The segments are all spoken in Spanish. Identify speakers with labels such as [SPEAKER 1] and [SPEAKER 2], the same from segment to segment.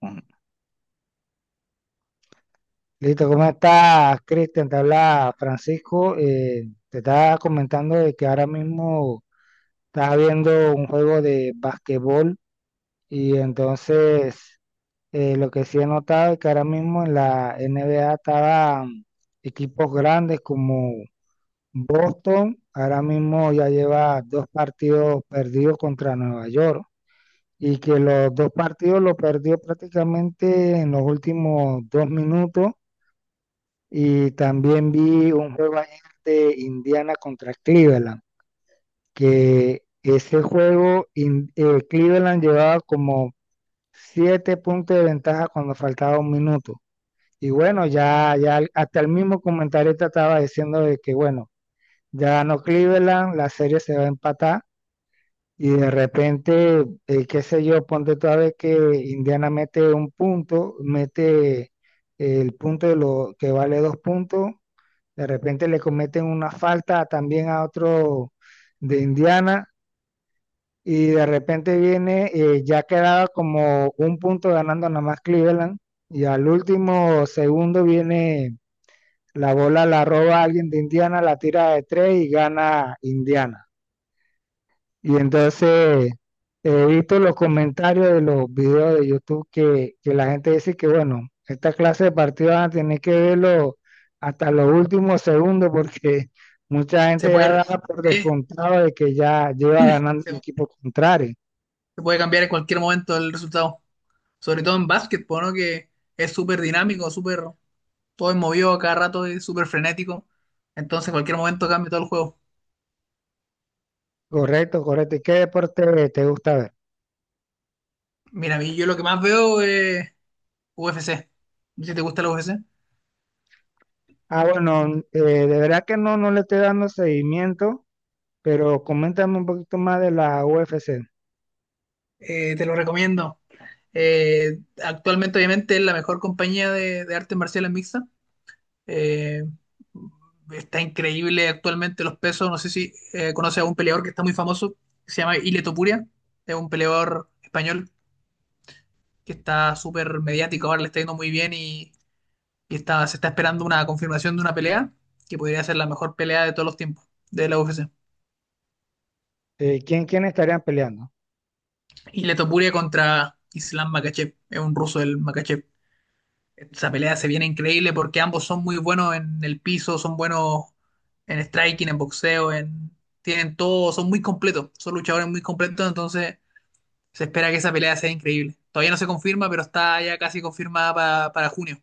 [SPEAKER 1] Ujú. Listo, ¿cómo estás, Cristian? Te habla Francisco. Te estaba comentando de que ahora mismo estaba viendo un juego de basquetbol y entonces lo que sí he notado es que ahora mismo en la NBA estaban equipos grandes como Boston. Ahora mismo ya lleva dos partidos perdidos contra Nueva York, y que los dos partidos los perdió prácticamente en los últimos dos minutos. Y también vi un juego ayer de Indiana contra Cleveland, que ese juego Cleveland llevaba como siete puntos de ventaja cuando faltaba un minuto. Y bueno, ya hasta el mismo comentarista estaba diciendo de que bueno, ya ganó Cleveland, la serie se va a empatar. Y de repente, qué sé yo, ponte toda vez que Indiana mete un punto, mete el punto de lo que vale dos puntos, de repente le cometen una falta también a otro de Indiana, y de repente viene, ya quedaba como un punto ganando nada más Cleveland, y al último segundo viene la bola, la roba alguien de Indiana, la tira de tres y gana Indiana. Y entonces he visto los comentarios de los videos de YouTube que la gente dice que, bueno, esta clase de partidos van a tener que verlo hasta los últimos segundos porque mucha
[SPEAKER 2] Se
[SPEAKER 1] gente ya
[SPEAKER 2] puede,
[SPEAKER 1] da por
[SPEAKER 2] sí,
[SPEAKER 1] descontado de que ya lleva ganando el
[SPEAKER 2] se,
[SPEAKER 1] equipo contrario.
[SPEAKER 2] se puede cambiar en cualquier momento el resultado. Sobre todo en básquetbol, ¿no? Que es súper dinámico, súper, todo es movido a cada rato, es súper frenético. Entonces, en cualquier momento cambia todo el juego.
[SPEAKER 1] Correcto, correcto. ¿Y qué deporte te gusta ver?
[SPEAKER 2] Mira, a mí yo lo que más veo es UFC. Si te gusta la UFC,
[SPEAKER 1] Ah, bueno, de verdad que no le estoy dando seguimiento, pero coméntame un poquito más de la UFC.
[SPEAKER 2] te lo recomiendo. Actualmente, obviamente, es la mejor compañía de artes marciales mixtas. Eh, está increíble actualmente los pesos. No sé si conoces a un peleador que está muy famoso, que se llama Ile Topuria. Es un peleador español que está súper mediático, ahora le está yendo muy bien, y está, se está esperando una confirmación de una pelea que podría ser la mejor pelea de todos los tiempos de la UFC.
[SPEAKER 1] ¿Quién estarían peleando?
[SPEAKER 2] Ile Topuria contra Islam Makhachev, es un ruso el Makhachev. Esa pelea se viene increíble porque ambos son muy buenos en el piso, son buenos en striking, en boxeo, en tienen todo, son muy completos, son luchadores muy completos, entonces se espera que esa pelea sea increíble. Todavía no se confirma, pero está ya casi confirmada para junio.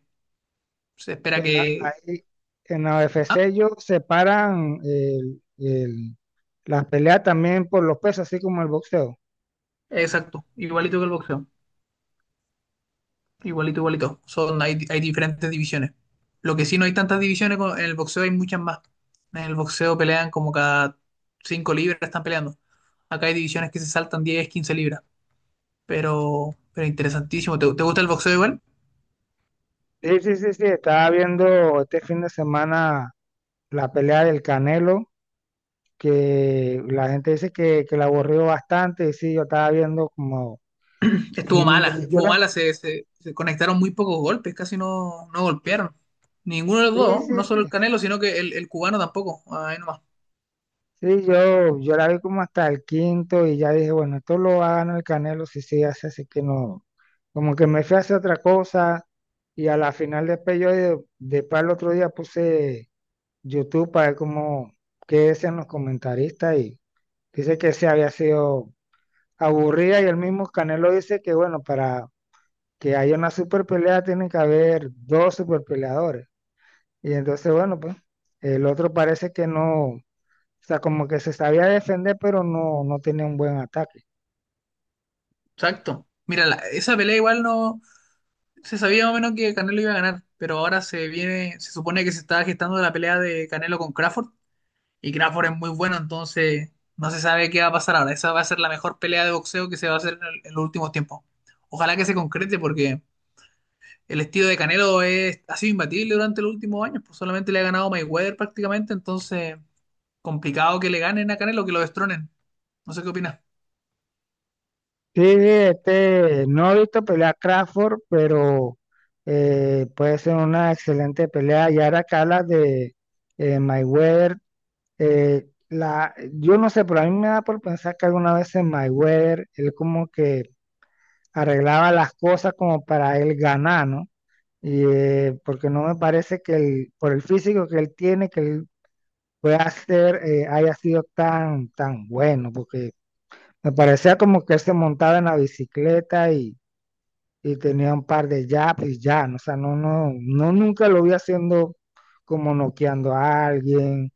[SPEAKER 2] Se espera que
[SPEAKER 1] Pero ahí en la
[SPEAKER 2] Ah,
[SPEAKER 1] UFC ellos separan las peleas también por los pesos, así como el boxeo.
[SPEAKER 2] exacto, igualito que el boxeo. Igualito, igualito. Hay, hay diferentes divisiones. Lo que sí no hay tantas divisiones, en el boxeo hay muchas más. En el boxeo pelean como cada 5 libras están peleando. Acá hay divisiones que se saltan 10 15 libras. Pero interesantísimo. ¿ te gusta el boxeo igual?
[SPEAKER 1] Sí, sí, sí, sí, estaba viendo este fin de semana la pelea del Canelo, que la gente dice que la aburrió bastante, y sí, yo estaba viendo como...
[SPEAKER 2] Estuvo
[SPEAKER 1] Mm,
[SPEAKER 2] mala,
[SPEAKER 1] yo
[SPEAKER 2] estuvo
[SPEAKER 1] la,
[SPEAKER 2] mala. Se conectaron muy pocos golpes, casi no, no golpearon. Ninguno de los
[SPEAKER 1] sí,
[SPEAKER 2] dos,
[SPEAKER 1] sí,
[SPEAKER 2] no solo el
[SPEAKER 1] sí,
[SPEAKER 2] Canelo, sino que el cubano tampoco. Ahí nomás.
[SPEAKER 1] sí, yo la vi como hasta el quinto y ya dije, bueno, esto lo va a ganar el Canelo si sigue así, así que no, como que me fui a hacer otra cosa, y a la final después el otro día puse YouTube para ver cómo, qué decían los comentaristas, y dice que se había sido aburrida y el mismo Canelo dice que bueno, para que haya una super pelea tienen que haber dos super peleadores, y entonces bueno, pues el otro parece que no. O sea, como que se sabía defender, pero no tenía un buen ataque.
[SPEAKER 2] Exacto. Mira, esa pelea igual no se sabía más o menos que Canelo iba a ganar, pero ahora se viene, se supone que se está gestando la pelea de Canelo con Crawford y Crawford es muy bueno, entonces no se sabe qué va a pasar ahora. Esa va a ser la mejor pelea de boxeo que se va a hacer en los últimos tiempos. Ojalá que se concrete porque el estilo de Canelo es, ha sido imbatible durante los últimos años, pues solamente le ha ganado Mayweather prácticamente, entonces complicado que le ganen a Canelo, que lo destronen. No sé qué opinas.
[SPEAKER 1] Sí, sí, este, no he visto pelear a Crawford, pero puede ser una excelente pelea. Y ahora que hablas de Mayweather, yo no sé, pero a mí me da por pensar que alguna vez en Mayweather él como que arreglaba las cosas como para él ganar, ¿no? Y, porque no me parece que él, por el físico que él tiene, que él pueda ser, haya sido tan, tan bueno, porque me parecía como que él se montaba en la bicicleta, y tenía un par de jabs y ya, o sea, no, no, no, nunca lo vi haciendo como noqueando a alguien,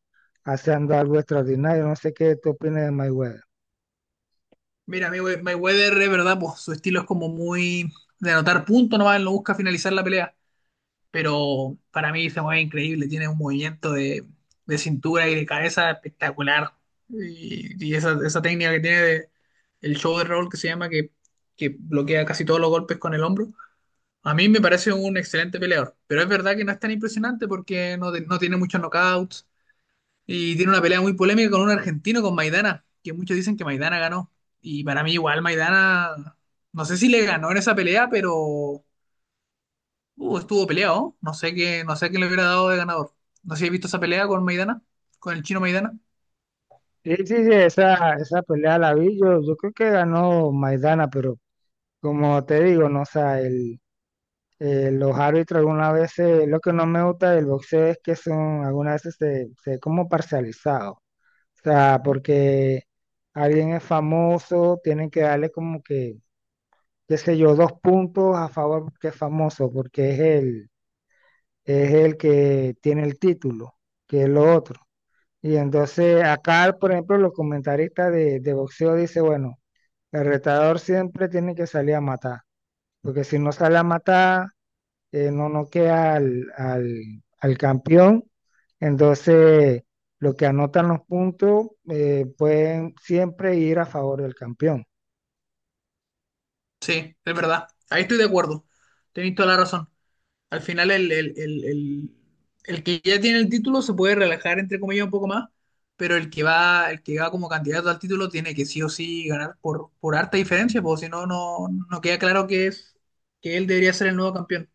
[SPEAKER 1] haciendo algo extraordinario. No sé qué tú opinas de Mayweather.
[SPEAKER 2] Mira, Mayweather es verdad, pues su estilo es como muy de anotar puntos nomás, él no busca finalizar la pelea, pero para mí se mueve increíble, tiene un movimiento de cintura y de cabeza espectacular. Y esa técnica que tiene de el shoulder roll que se llama, que bloquea casi todos los golpes con el hombro, a mí me parece un excelente peleador, pero es verdad que no es tan impresionante porque no tiene muchos knockouts y tiene una pelea muy polémica con un argentino, con Maidana, que muchos dicen que Maidana ganó. Y para mí igual Maidana, no sé si le ganó en esa pelea, pero estuvo peleado. No sé qué, no sé qué le hubiera dado de ganador. No sé si he visto esa pelea con Maidana, con el chino Maidana.
[SPEAKER 1] Sí, sí, sí, esa pelea la vi, yo creo que ganó Maidana, pero como te digo, no, o sea, el, los árbitros algunas veces, lo que no me gusta del boxeo es que son, algunas veces se, se ve como parcializados. O sea, porque alguien es famoso, tienen que darle como que, qué sé yo, dos puntos a favor porque es famoso, porque es es el que tiene el título, que es lo otro. Y entonces acá, por ejemplo, los comentaristas de boxeo dicen, bueno, el retador siempre tiene que salir a matar, porque si no sale a matar, no noquea al campeón. Entonces, lo que anotan los puntos pueden siempre ir a favor del campeón.
[SPEAKER 2] Sí, es verdad. Ahí estoy de acuerdo. Tenéis toda la razón. Al final el que ya tiene el título se puede relajar entre comillas un poco más, pero el que va como candidato al título tiene que sí o sí ganar por harta diferencia, porque si no, no, no queda claro que es, que él debería ser el nuevo campeón.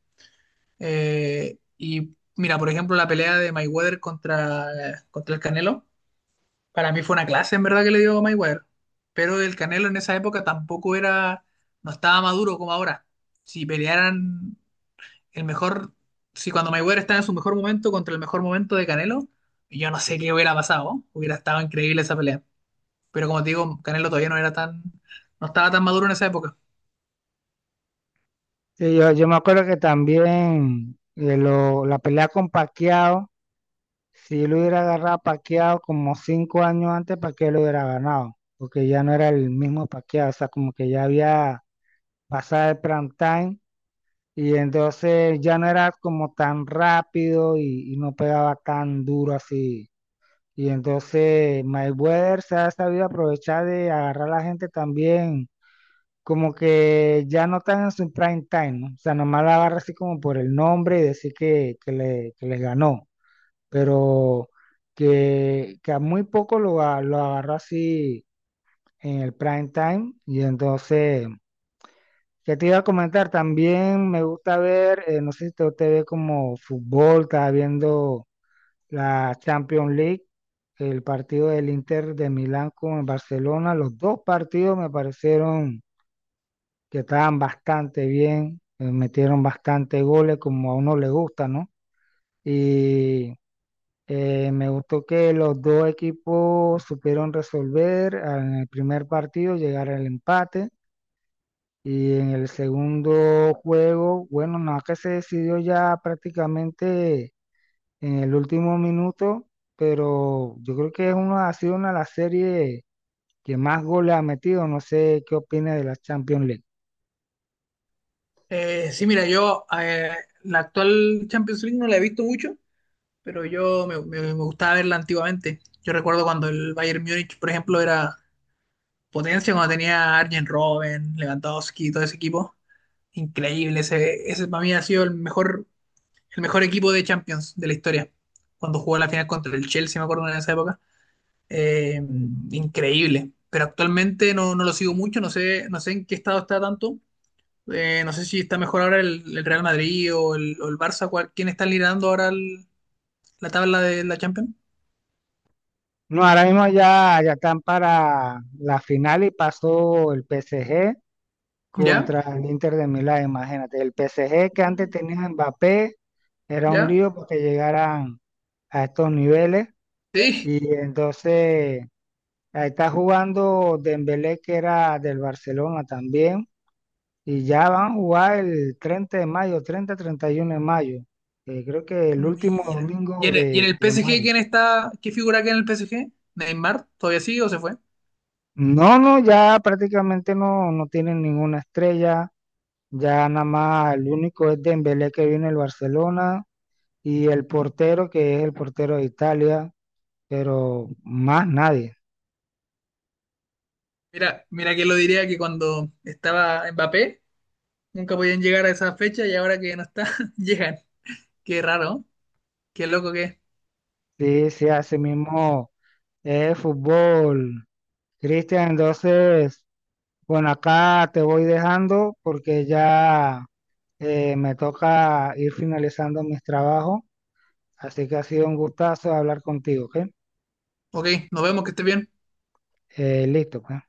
[SPEAKER 2] Y mira, por ejemplo, la pelea de Mayweather contra el Canelo, para mí fue una clase en verdad que le dio Mayweather, pero el Canelo en esa época tampoco era, no estaba maduro como ahora si pelearan el mejor, si cuando Mayweather estaba en su mejor momento contra el mejor momento de Canelo, yo no sé qué hubiera pasado, hubiera estado increíble esa pelea. Pero como te digo, Canelo todavía no era tan, no estaba tan maduro en esa época.
[SPEAKER 1] Sí, yo me acuerdo que también la pelea con Pacquiao, si lo hubiera agarrado a Pacquiao como 5 años antes, Pacquiao lo hubiera ganado, porque ya no era el mismo Pacquiao, o sea, como que ya había pasado el prime time, y entonces ya no era como tan rápido, y no pegaba tan duro así. Y entonces Mayweather se ha sabido aprovechar de agarrar a la gente también, como que ya no están en su prime time, ¿no? O sea, nomás la agarra así como por el nombre y decir que que le ganó, pero que a muy poco lo, lo agarró así en el prime time. Y entonces, ¿qué te iba a comentar? También me gusta ver, no sé si te ve como fútbol, estaba viendo la Champions League, el partido del Inter de Milán con el Barcelona. Los dos partidos me parecieron que estaban bastante bien, metieron bastante goles como a uno le gusta, ¿no? Y me gustó que los dos equipos supieron resolver en el primer partido, llegar al empate. Y en el segundo juego, bueno, nada, que se decidió ya prácticamente en el último minuto, pero yo creo que es una, ha sido una de las series que más goles ha metido. No sé qué opina de la Champions League.
[SPEAKER 2] Sí, mira, yo, la actual Champions League no la he visto mucho, pero yo me gustaba verla antiguamente. Yo recuerdo cuando el Bayern Múnich, por ejemplo, era potencia, cuando tenía a Arjen Robben, Lewandowski, todo ese equipo. Increíble, ese para mí ha sido el mejor equipo de Champions de la historia. Cuando jugó la final contra el Chelsea, me acuerdo en esa época. Eh, increíble. Pero actualmente no, no lo sigo mucho, no sé, no sé en qué estado está tanto. No sé si está mejor ahora el Real Madrid o o el Barça. ¿Quién está liderando ahora la tabla de la Champions?
[SPEAKER 1] No, ahora mismo ya están para la final, y pasó el PSG
[SPEAKER 2] ¿Ya?
[SPEAKER 1] contra el Inter de Milán, imagínate. El PSG que antes
[SPEAKER 2] Sí.
[SPEAKER 1] tenía a Mbappé, era un
[SPEAKER 2] ¿Ya?
[SPEAKER 1] lío porque llegaran a estos niveles,
[SPEAKER 2] Sí.
[SPEAKER 1] y entonces ahí está jugando Dembélé, que era del Barcelona también. Y ya van a jugar el 30 de mayo, 30, 31 de mayo. Creo que el último
[SPEAKER 2] Mira. ¿Y
[SPEAKER 1] domingo
[SPEAKER 2] en y en el
[SPEAKER 1] de
[SPEAKER 2] PSG
[SPEAKER 1] mayo.
[SPEAKER 2] quién está? ¿Qué figura queda en el PSG? ¿Neymar? ¿Todavía sigue o se fue?
[SPEAKER 1] No, no, ya prácticamente no tienen ninguna estrella. Ya nada más el único es Dembélé, que viene el Barcelona, y el portero, que es el portero de Italia, pero más nadie.
[SPEAKER 2] Mira, mira que lo diría que cuando estaba Mbappé. Nunca podían llegar a esa fecha y ahora que ya no está, llegan. Qué raro, ¿eh? Qué loco que es.
[SPEAKER 1] Sí, sí, así mismo es fútbol. Cristian, entonces, bueno, acá te voy dejando porque ya me toca ir finalizando mis trabajos, así que ha sido un gustazo hablar contigo, ¿ok?
[SPEAKER 2] Ok, nos vemos, que esté bien.
[SPEAKER 1] Listo, pues.